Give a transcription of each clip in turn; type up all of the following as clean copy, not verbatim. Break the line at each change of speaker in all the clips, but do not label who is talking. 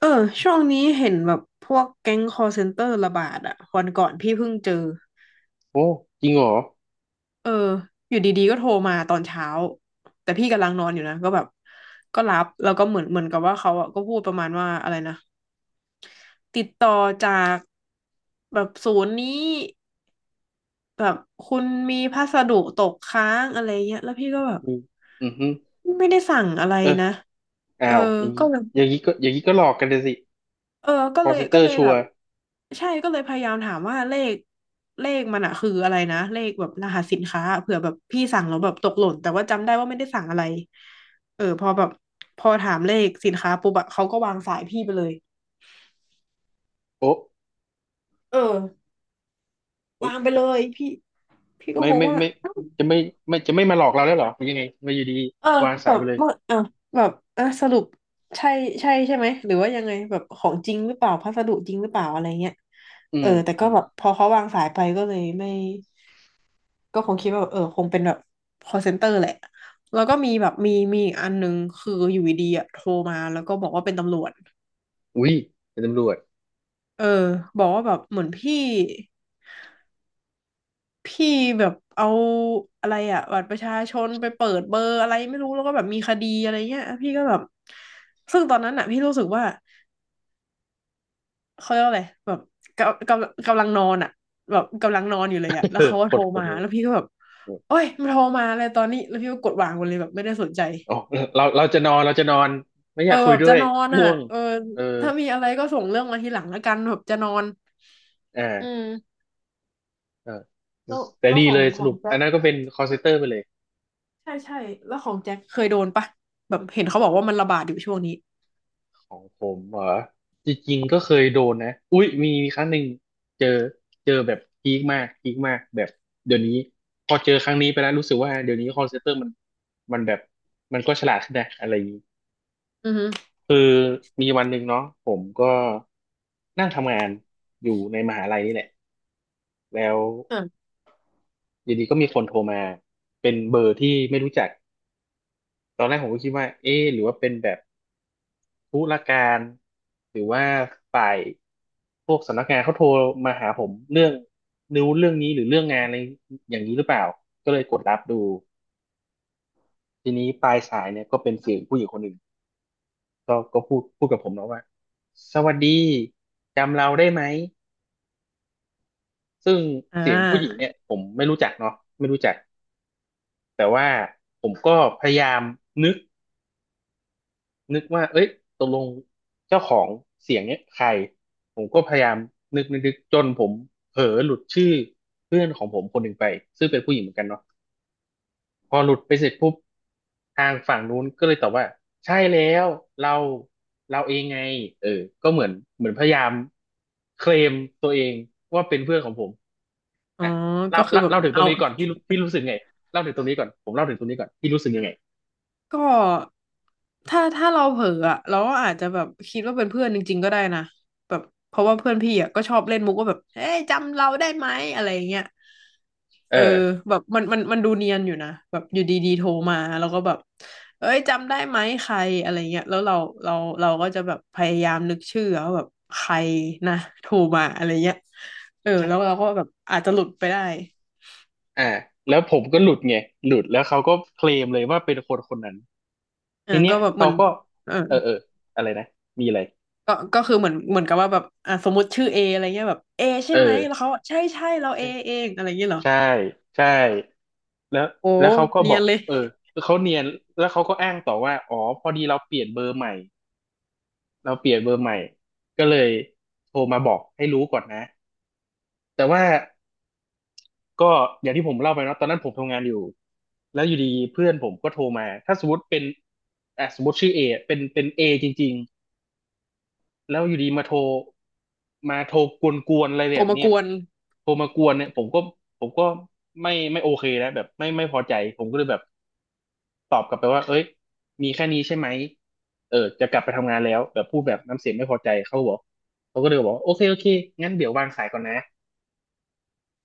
เออช่วงนี้เห็นแบบพวกแก๊งคอลเซ็นเตอร์ระบาดอะวันก่อนพี่เพิ่งเจอ
โอ้จริงเหรอ
เอออยู่ดีๆก็โทรมาตอนเช้าแต่พี่กำลังนอนอยู่นะก็แบบก็รับแล้วก็เหมือนกับว่าเขาอะก็พูดประมาณว่าอะไรนะติดต่อจากแบบศูนย์นี้แบบคุณมีพัสดุตกค้างอะไรเงี้ยแล้วพี่ก็แบบ
มีอือฮึ
ไม่ได้สั่งอะไร
เออ
นะเออ
อ้าวอย่าง
ก็
นี้
เลย
อย่างนี้ก็อย่างนี้ก็หลอกกันเลยสิ
เออก็
คอ
เล
ล
ย
เซ็นเต
ก็
อ
เล
ร์
ย
ชั
แบ
ว
บ
ร์
ใช่ก็เลยพยายามถามว่าเลขมันอะคืออะไรนะเลขแบบรหัสสินค้าเผื่อแบบพี่สั่งแล้วแบบตกหล่นแต่ว่าจำได้ว่าไม่ได้สั่งอะไรเออพอแบบพอถามเลขสินค้าปุ๊บอะเขาก็วางสายพี่ไปเลย
โอ้
เออ
เอ้ย
วางไป
แต่
เลยพี่พี่ก็
ไม่
งง
ไม่
ว่า
ไม่
เอ้า
จะไม่ไม่จะไม่มาหลอกเราแล้วเหรอมยังไงมาอยู่ดี
เออ
วาง
แบ
สาย
บ
ไปเลย
เมื่อเออแบบเออสรุปใช่ใช่ใช่ไหมหรือว่ายังไงแบบของจริงหรือเปล่าพัสดุจริงหรือเปล่าอะไรเงี้ย
อื
เออ
ม
แต่
อื
ก็
ม
แบบพอเขาวางสายไปก็เลยไม่ ก็คงคิดว่าแบบเออคงเป็นแบบ call center แหละแล้วก็มีแบบมีอีกอันหนึงคืออยู่ดีๆอะโทรมาแล้วก็บอกว่าเป็นตำรวจ
อุ้ยเป็นตำรวจ
เออบอกว่าแบบเหมือนพี่แบบเอาอะไรอะบัตรประชาชนไปเปิดเบอร์อะไรไม่รู้แล้วก็แบบมีคดีอะไรเงี้ยพี่ก็แบบซึ่งตอนนั้นอะพี่รู้สึกว่าเขาเรียกว่าอะไรแบบกำลังนอนอะแบบกำลังนอนอยู่เลยอะ แล้
เอ
ว
อ
เขาก็
ก
โทร
ดกด
มา
ก
แล้ว
ด
พี่ก็แบบโอ้ยมันโทรมาอะไรตอนนี้แล้วพี่ก็กดวางไปเลยแบบไม่ได้สนใจ
อ๋อเราจะนอนเราจะนอนไม่อ
เออ
ยากคุ
แบ
ย
บ
ด้ว
จะ
ย
นอน
ง่
อ่ะ
วง
เออ
เออ
ถ้ามีอะไรก็ส่งเรื่องมาทีหลังแล้วกันแบบจะนอนอื
อ่า
ม
เออ
แล้ว
แต่
แล้ว
ดี
ขอ
เล
ง
ยส
ขอ
รุ
ง
ป
แจ็
อัน
ค
นั้นก็เป็นคอลเซเตอร์ไปเลย
ใช่ใช่แล้วของแจ็คเคยโดนปะแบบเห็นเขาบอกว่ามันระบาดอยู่ช่วงนี้
ของผมเหรอจริงๆก็เคยโดนนะอุ้ยมีครั้งหนึ่งเจอเจอแบบพีคมากพีคมากแบบเดี๋ยวนี้พอเจอครั้งนี้ไปแล้วรู้สึกว่าเดี๋ยวนี้คอลเซ็นเตอร์มันมันแบบมันก็ฉลาดขึ้นนะอะไรอย่างนี้
อือฮึ
คือมีวันหนึ่งเนาะผมก็นั่งทำงานอยู่ในมหาลัยนี่แหละแล้ว
อ่า
อยู่ดีก็มีคนโทรมาเป็นเบอร์ที่ไม่รู้จักตอนแรกผมก็คิดว่าเอ๊ะหรือว่าเป็นแบบ ธุรการหรือว่าฝ่ายพวกสำนักงานเขาโทรมาหาผมเรื่องนิ้วเรื่องนี้หรือเรื่องงานอะไรอย่างนี้หรือเปล่าก็เลยกดรับดูทีนี้ปลายสายเนี่ยก็เป็นเสียงผู้หญิงคนหนึ่งก็พูดกับผมเนาะว่าสวัสดีจำเราได้ไหมซึ่ง
อ่
เสียงผู้หญิง
า
เนี่ยผมไม่รู้จักเนาะไม่รู้จักแต่ว่าผมก็พยายามนึก นึกว่าเอ้ยตกลงเจ้าของเสียงเนี้ยใครผมก็พยายามนึกจนผมเผลอหลุดชื่อเพื่อนของผมคนหนึ่งไปซึ่งเป็นผู้หญิงเหมือนกันเนาะพอหลุดไปเสร็จปุ๊บทางฝั่งนู้นก็เลยตอบว่าใช่แล้วเราเราเองไงเออก็เหมือนพยายามเคลมตัวเองว่าเป็นเพื่อนของผม
อ๋อ
อ่ะเล่า
ก็คือ
เล่า
แบบ
เล่าถึงตร
เอา
งนี้ก่อนพี่รู้พี่รู้สึกไงเล่าถึงตรงนี้ก่อนผมเล่าถึงตรงนี้ก่อนพี่รู้สึกยังไง
ก็ถ้าเราเผลออะเราก็อาจจะแบบคิดว่าเป็นเพื่อนจริงๆก็ได้นะแบบเพราะว่าเพื่อนพี่อ่ะก็ชอบเล่นมุกว่าแบบเฮ้ยจำเราได้ไหมอะไรอย่างเงี้ย
เอ
เออ
อ
แบบมันดูเนียนอยู่นะแบบอยู่ดีๆโทรมาแล้วก็แบบเอ้ยจำได้ไหมใครอะไรเงี้ยแล้วเราเราก็จะแบบพยายามนึกชื่อว่าแบบใครนะโทรมาอะไรเงี้ยเออแล้วเราก็แบบอาจจะหลุดไปได้
อ่าแล้วผมก็หลุดไงหลุดแล้วเขาก็เคลมเลยว่าเป็นคนคนนั้น
อ่า
ทีเนี้
ก็
ย
แบบเห
เขา
มือน
ก็
เออ
เออเอออะไรนะมีอะไร
ก็คือเหมือนกับว่าแบบอ่ะสมมติชื่อเออะไรเงี้ยแบบเอใช่
เอ
ไหม
อ
แล้วเขาใช่ใช่เราเอ
ใช่
เองอะไรเงี้ยเหรอ
ใช่ใช่แล้ว
โอ้
แล้วเขาก็
เนี
บ
ย
อ
น
ก
เลย
เออเขาเนียนแล้วเขาก็อ้างต่อว่าอ๋อพอดีเราเปลี่ยนเบอร์ใหม่เราเปลี่ยนเบอร์ใหม่ก็เลยโทรมาบอกให้รู้ก่อนนะแต่ว่าก็อย่างที่ผมเล่าไปเนาะตอนนั้นผมทำงานอยู่แล้วอยู่ดีเพื่อนผมก็โทรมาถ้าสมมติเป็นอ่ะสมมติชื่อเอเป็นเอจริง แล้วอยู่ดีมาโทรมาโทรกวนๆอะไร
โท
แบ
ร
บ
มา
เนี้
ก
ย
วน
โทรมากวนเนี่ยผมก็ไม่โอเคแล้วแบบไม่พอใจผมก็เลยแบบตอบกลับไปว่าเอ้ยมีแค่นี้ใช่ไหมเออจะกลับไปทำงานแล้วแบบพูดแบบน้ำเสียงไม่พอใจเขาบอกเขาก็เลยบอกว่าโอเคโอเคงั้นเดี๋ยววางสายก่อนนะ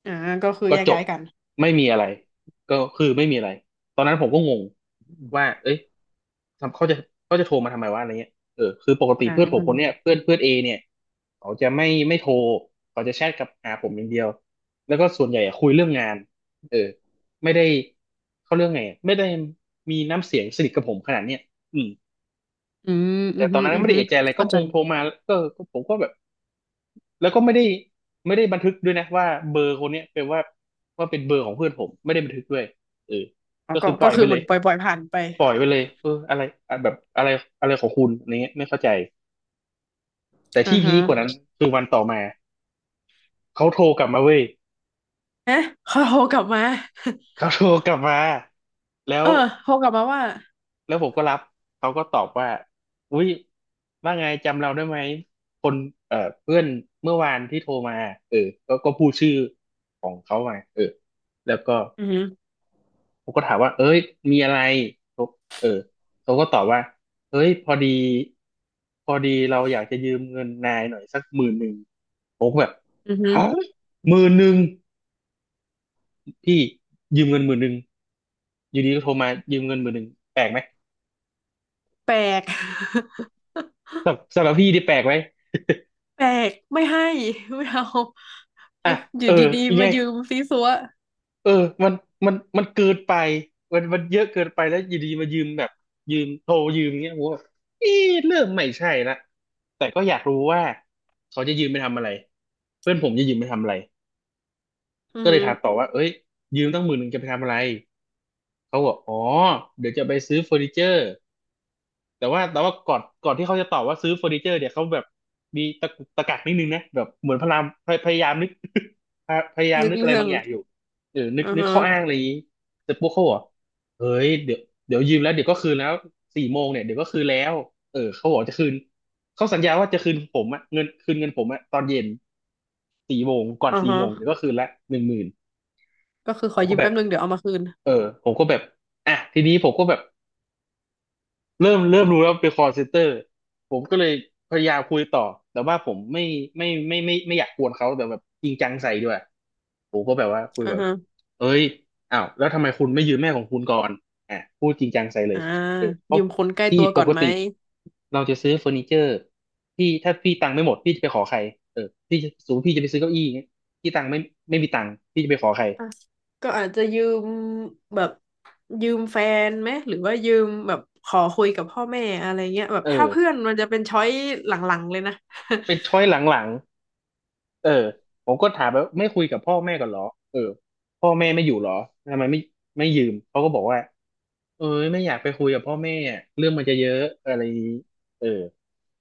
อ่าก็คือ
ก็
แยก
จบ
ย้ายกัน
ไม่มีอะไรก็คือไม่มีอะไรตอนนั้นผมก็งงว่าเอ้ยทำเขาจะเขาจะโทรมาทำไมวะอะไรเงี้ยเออคือปกติ
อ่า
เพื่อนผมคนเนี้ยเพื่อนเพื่อนเอเนี่ยเขาจะไม่โทรเขาจะแชทกับหาผมอย่างเดียวแล้วก็ส่วนใหญ่อะคุยเรื่องงานเออไม่ได้เขาเรื่องไงอะไม่ได้มีน้ำเสียงสนิทกับผมขนาดเนี้ยอืม
อืมอื
แต่
มอ
ตอ
หื
น
ม
นั้น
ออือ
ไม่
หื
ได้
อ
เอะใจอะไรก็
เข้า
ค
ใจ
งโทรมาก็ผมก็แบบ แล้วก็ไม่ได้ไม่ได้บันทึกด้วยนะว่าเบอร์คนเนี้ยเป็นว่าว่าเป็นเบอร์ของเพื่อนผมไม่ได้บันทึกด้วยเออ
อ๋อ
ก็
ก็
คือปล่
ก็
อย
คื
ไป
อเห
เล
มือ
ย
นปล่อยๆผ่านไป
ปล่อยไปเลยเอออะไรอะแบบอะไรอะไรของคุณอะไรเงี้ยไม่เข้าใจแต่
อ่า
ที่พี
ฮะ
คกว่านั้นคือวันต่อมาเขาโทรกลับมาเว้ย
เอ๊ะเขาโทรกลับมา
เขา โทรกลับมาแล้
เอ
ว
อโทรกลับมาว่า
แล้วผมก็รับเขาก็ตอบว่าอุ้ยว่าไงจำเราได้ไหมคนเอ่อเพื่อนเมื่อวานที่โทรมาเออก็ก็พูดชื่อของเขามาเออแล้วก็
อือหื
ผมก็ถามว่าเอ้ยมีอะไรเขาเออเขาก็ตอบว่าเอ้ยพอดีเราอยากจะยืมเงินนายหน่อยสักหมื่นหนึ่งผมก็แบบ
ออือหือ
ฮะหมื่นหนึ่งพี่ยืมเงินหมื่นหนึ่งอยู่ดีก็โทรมายืมเงินหมื่นหนึ่งแปลกไหม
แปลก
สำหรับพี่ที่แปลกไหม
แปลกไม่ให้ไม่เอาอ
อ่ะ
ยู่อ
เอ
ยู่
อ
ดี
ยัง
ๆ
ไง
มายืมซีซัว
เออมันมันเกินไปมันเยอะเกินไปแล้วอยู่ดีมายืมแบบยืมโทรยืมอย่างเงี้ยผมแบบเอ๊ะเริ่มไม่ใช่ละแต่ก็อยากรู้ว่าเขาจะยืมไปทำอะไร เพื่อนผมจะยืมไปทำอะไร
อื
ก็
อ
เล
ฮึ
ยถามต่อว่าเอ้ยยืมตั้งหมื่นหนึ่งจะไปทำอะไร เขาบอกอ๋อ เดี๋ยวจะไปซื้อเฟอร์นิเจอร์ แต่ว่าก่อนที่เขาจะตอบว่าซื้อเฟอร์นิเจอร์เนี่ยเขาแบบมีตะกุกตะกักนิดนึงนะแบบเหมือนพยายามนึก พยายาม
นึก
นึกอะไร
เรื่อ
บา
ง
งอย่างอยู่เออนึก
อือ
นึก
ฮะ
ข้ออ้างอะไรอย่างนี้เสร็ปุ๊กเขาบอกเฮ้ยเดี๋ยวยืมแล้วเดี๋ยวก็คืนแล้วสี่โมงเนี่ยเดี๋ยวก็คืนแล้วเออเขาบอกจะคืนเขาสัญญาว่าจะคืนผมอะเงินคืนเงินผมอะตอนเย็นสี่โมงก่อน
อือ
สี่
ฮะ
โมงเดี๋ยวก็คืนละ10,000
ก็คือข
ผ
อ
มก็
ยืม
แบบ
แป๊บนึงเดี๋ยวเอามาคืน
เออผมก็แบบอ่ะทีนี้ผมก็แบบ เริ่มรู้แล้วเป็น call center ผมก็เลยพยายามคุยต่อแต่ว่าผมไม่อยากกวนเขาแต่แบบจริงจังใส่ด้วยผมก็แบบว่าคุย
อื
แบ
อ
บ
ฮะ
เอ้ยอ้าวแล้วทำไมคุณไม่ยืมแม่ของคุณก่อนอ่ะพูดจริงจังใส่เลย
อ่า
เออเพ
ยื
ราะ
มคนใกล้
พี่
ตัว
ป
ก่อน
ก
ไหม
ติเราจะซื้อเฟอร์นิเจอร์พี่ถ้าพี่ตังค์ไม่หมดพี่จะไปขอใครเออพี่จะสูงพี่จะไปซื้อเก้าอี้อย่างเงี้ยพี่ตังค์ไม่ไม่มีตังค์พี่จะไปขอใคร
อ่ะก็อาจจะยืมแบบยืมแฟนไหมหรือว่ายืมแบบขอคุยกับพ่อแม่อะไรเงี้ยแบบ
เอ
ถ้าเพื่อ
อ
นมันจะเป็นช้อยหลังๆเลยนะ
เป็นช้อยหลัง เออผมก็ถามไปว่าไม่คุยกับพ่อแม่กันเหรอเออพ่อแม่ไม่อยู่เหรอทำไมไม่ยืมเขาก็บอกว่าเออไม่อยากไปคุยกับพ่อแม่อะเรื่องมันจะเยอะอะไรอย่างนี้เออ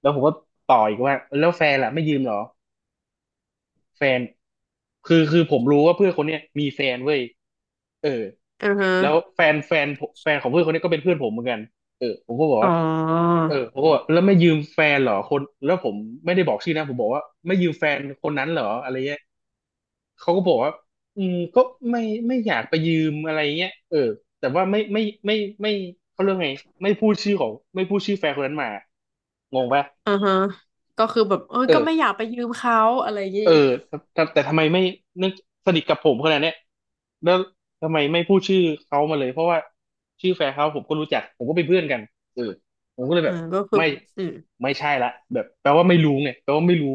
แล้วผมก็ต่ออีกว่าแล้วแฟนล่ะไม่ยืมเหรอแฟนคือผมรู้ว่าเพื่อนคนเนี้ยมีแฟนเว้ยเออ
อือฮะ
แล้วแฟนแฟนผมแฟนของเพื่อนคนนี้ก็เป็นเพื่อนผมเหมือนกันเออผมก็บอก
อ๋อ
ว่าเออผมก็บอกแล้วไม่ยืมแฟนเหรอคนแล้วผมไม่ได้บอกชื่อนะผมบอกว่าไม่ยืมแฟนคนนั้นเหรออะไรเงี้ย เขาก็บอกว่าอืมก็ไม่ไม่อยากไปยืมอะไรเงี้ยเออแต่ว่าไม่ไม่เขาเรื่องไงไม่พูดชื่อแฟนคนนั้นมางงปะ
อือฮะก็คือแบบเออ
เอ
ก็ไม่
อ
อยากไปยืมเขาอะไรอย่างงี้
เออแต่ทำไมไม่เนื่องสนิทกับผมขนาดเนี้ยแล้วทำไมไม่พูดชื่อเขามาเลยเพราะว่าชื่อแฟนเขาผมก็รู้จักผมก็เป็นเพื่อนกันเออผมก็เลย
อ่า
แบบ
ก็คือ
ไม่
อืม
ไม่ใช่ละแบบแปลว่าไม่รู้ไงแปลว่าไม่รู้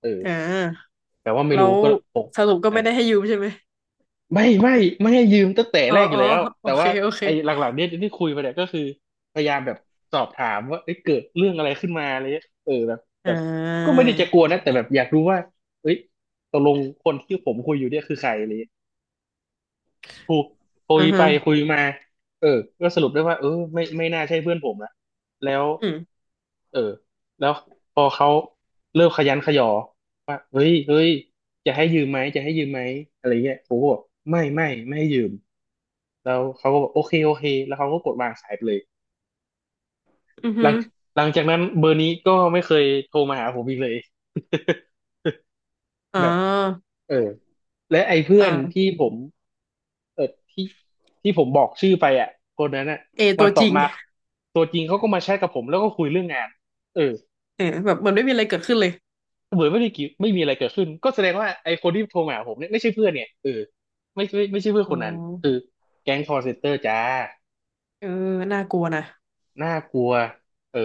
เออ
อ่า
แปลว่าไม่
แล้
รู้
ว
ก็โอ้
สรุปก็ไม่ได้ให้ยืมใช่ไหม
ไม่ไม่ไม่ให้ยืมตั้งแต่
อ๋อ
แรกอ
อ๋
ยู่
อ
แล้ว
โอ
แต่
เค
ว่า
โอเค
ไอ้หลังๆเนี่ยที่คุยมาเนี่ยก็คือพยายามแบบสอบถามว่าเอ้ยเกิดเรื่องอะไรขึ้นมาอะไรเงี้ยเออแบบ
อ่
แบบก็
า
ไม่ได้จะกลัวนะแต่แบบอยากรู้ว่าเอ้ยตกลงคนที่ผมคุยอยู่เนี่ยคือใครอะไรเงี้ยคุยคุ
อื
ย
อ
ไป
ฮะ
คุยมาเออก็สรุปได้ว่าเออไม่น่าใช่เพื่อนผมละแล้ว
อืม
เออแล้วพอเขาเริ่มขยันขยอว่าเฮ้ยเฮ้ยจะให้ยืมไหมจะให้ยืมไหมอะไรเงี้ยผมก็บอกไม่ให้ยืม แล้วเขาก็บอกโอเคโอเคแล้วเขาก็กดวางสายไปเลย
อือ
ห
ฮึ
ลังหลังจากนั้นเบอร์นี้ก็ไม่เคยโทรมาหาผมอีกเลย
อ๋ อ
แบบเออและไอ้เพื่อน
อ่า
ที่ผมเออที่ที่ผมบอกชื่อไปอ่ะคนนั้นอ่ะ
เอ
วั
ตั
น
ว
ต่
จ
อ
ริง
มาตัวจริงเขาก็มาแชทกับผมแล้วก็คุยเรื่องงานเออ
เออแบบเหมันไม่มีอะไรเกิดขึ้นเลย
เหมือนไม่ได้กี่ไม่มีอะไรเกิดขึ้นก็แสดงว่าไอ้คนที่โทรมาหาผมเนี่ยไม่ใช่เพื่อนเนี่ยเออไม่ใช่เพื่อน
อ๋อ
คนนั้นคือแก๊งคอร์เซ็นเตอร์จ้า
เออน่ากลัวนะ
น่ากลัวเออ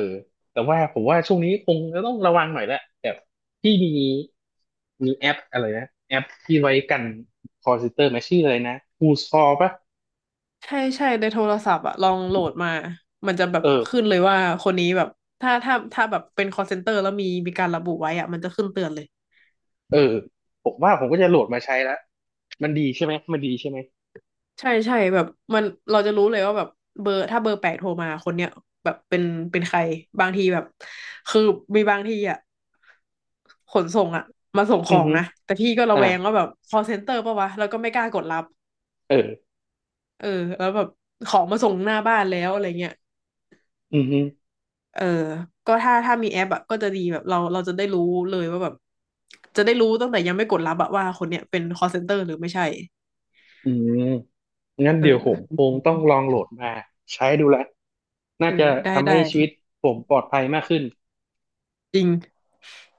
แต่ว่าผมว่าช่วงนี้คงจะต้องระวังหน่อยแหละแบบที่มีแอปอะไรนะ แอปที่ไว้กันคอ l เ e เตอร์มาชื่ออะไรนะ Who's Call ปะ
ใช่ใช่ในโทรศัพท์อะลองโหลดมามันจะแบบ
เออ
ขึ้นเลยว่าคนนี้แบบถ้าแบบเป็น call center แล้วมีการระบุไว้อะมันจะขึ้นเตือนเลย
เออผมว่าผมก็จะโหลดมาใช้แล้วมันดีใช่ไหมมันดีใช่ไหม
ใช่ใช่แบบมันเราจะรู้เลยว่าแบบเบอร์ถ้าเบอร์แปลกโทรมาคนเนี้ยแบบเป็นใครบางทีแบบคือมีบางทีอะขนส่งอะมาส่งข
อื
อ
อ
ง
ฮึ
นะแต่พี่ก็ระ
อ่า
แวงว่าแบบ call center ปะวะแล้วก็ไม่กล้ากดรับ
เออ
เออแล้วแบบของมาส่งหน้าบ้านแล้วอะไรเงี้ย
อือฮึ
เออก็ถ้ามีแอปอะก็จะดีแบบเราจะได้รู้เลยว่าแบบจะได้รู้ตั้งแต่ยังไม่กดรับอะว่าคนเนี้ยเป็น call center หรือไม่ใช่
อืมงั้น
เอ
เดี๋ยวผม
อ
คงต้องลองโหลดมาใช้ดูละน่า
เออ
จะ
ได้
ทำ
ได้
ให้ชีวิตผมปลอดภัยมากขึ้น
จริง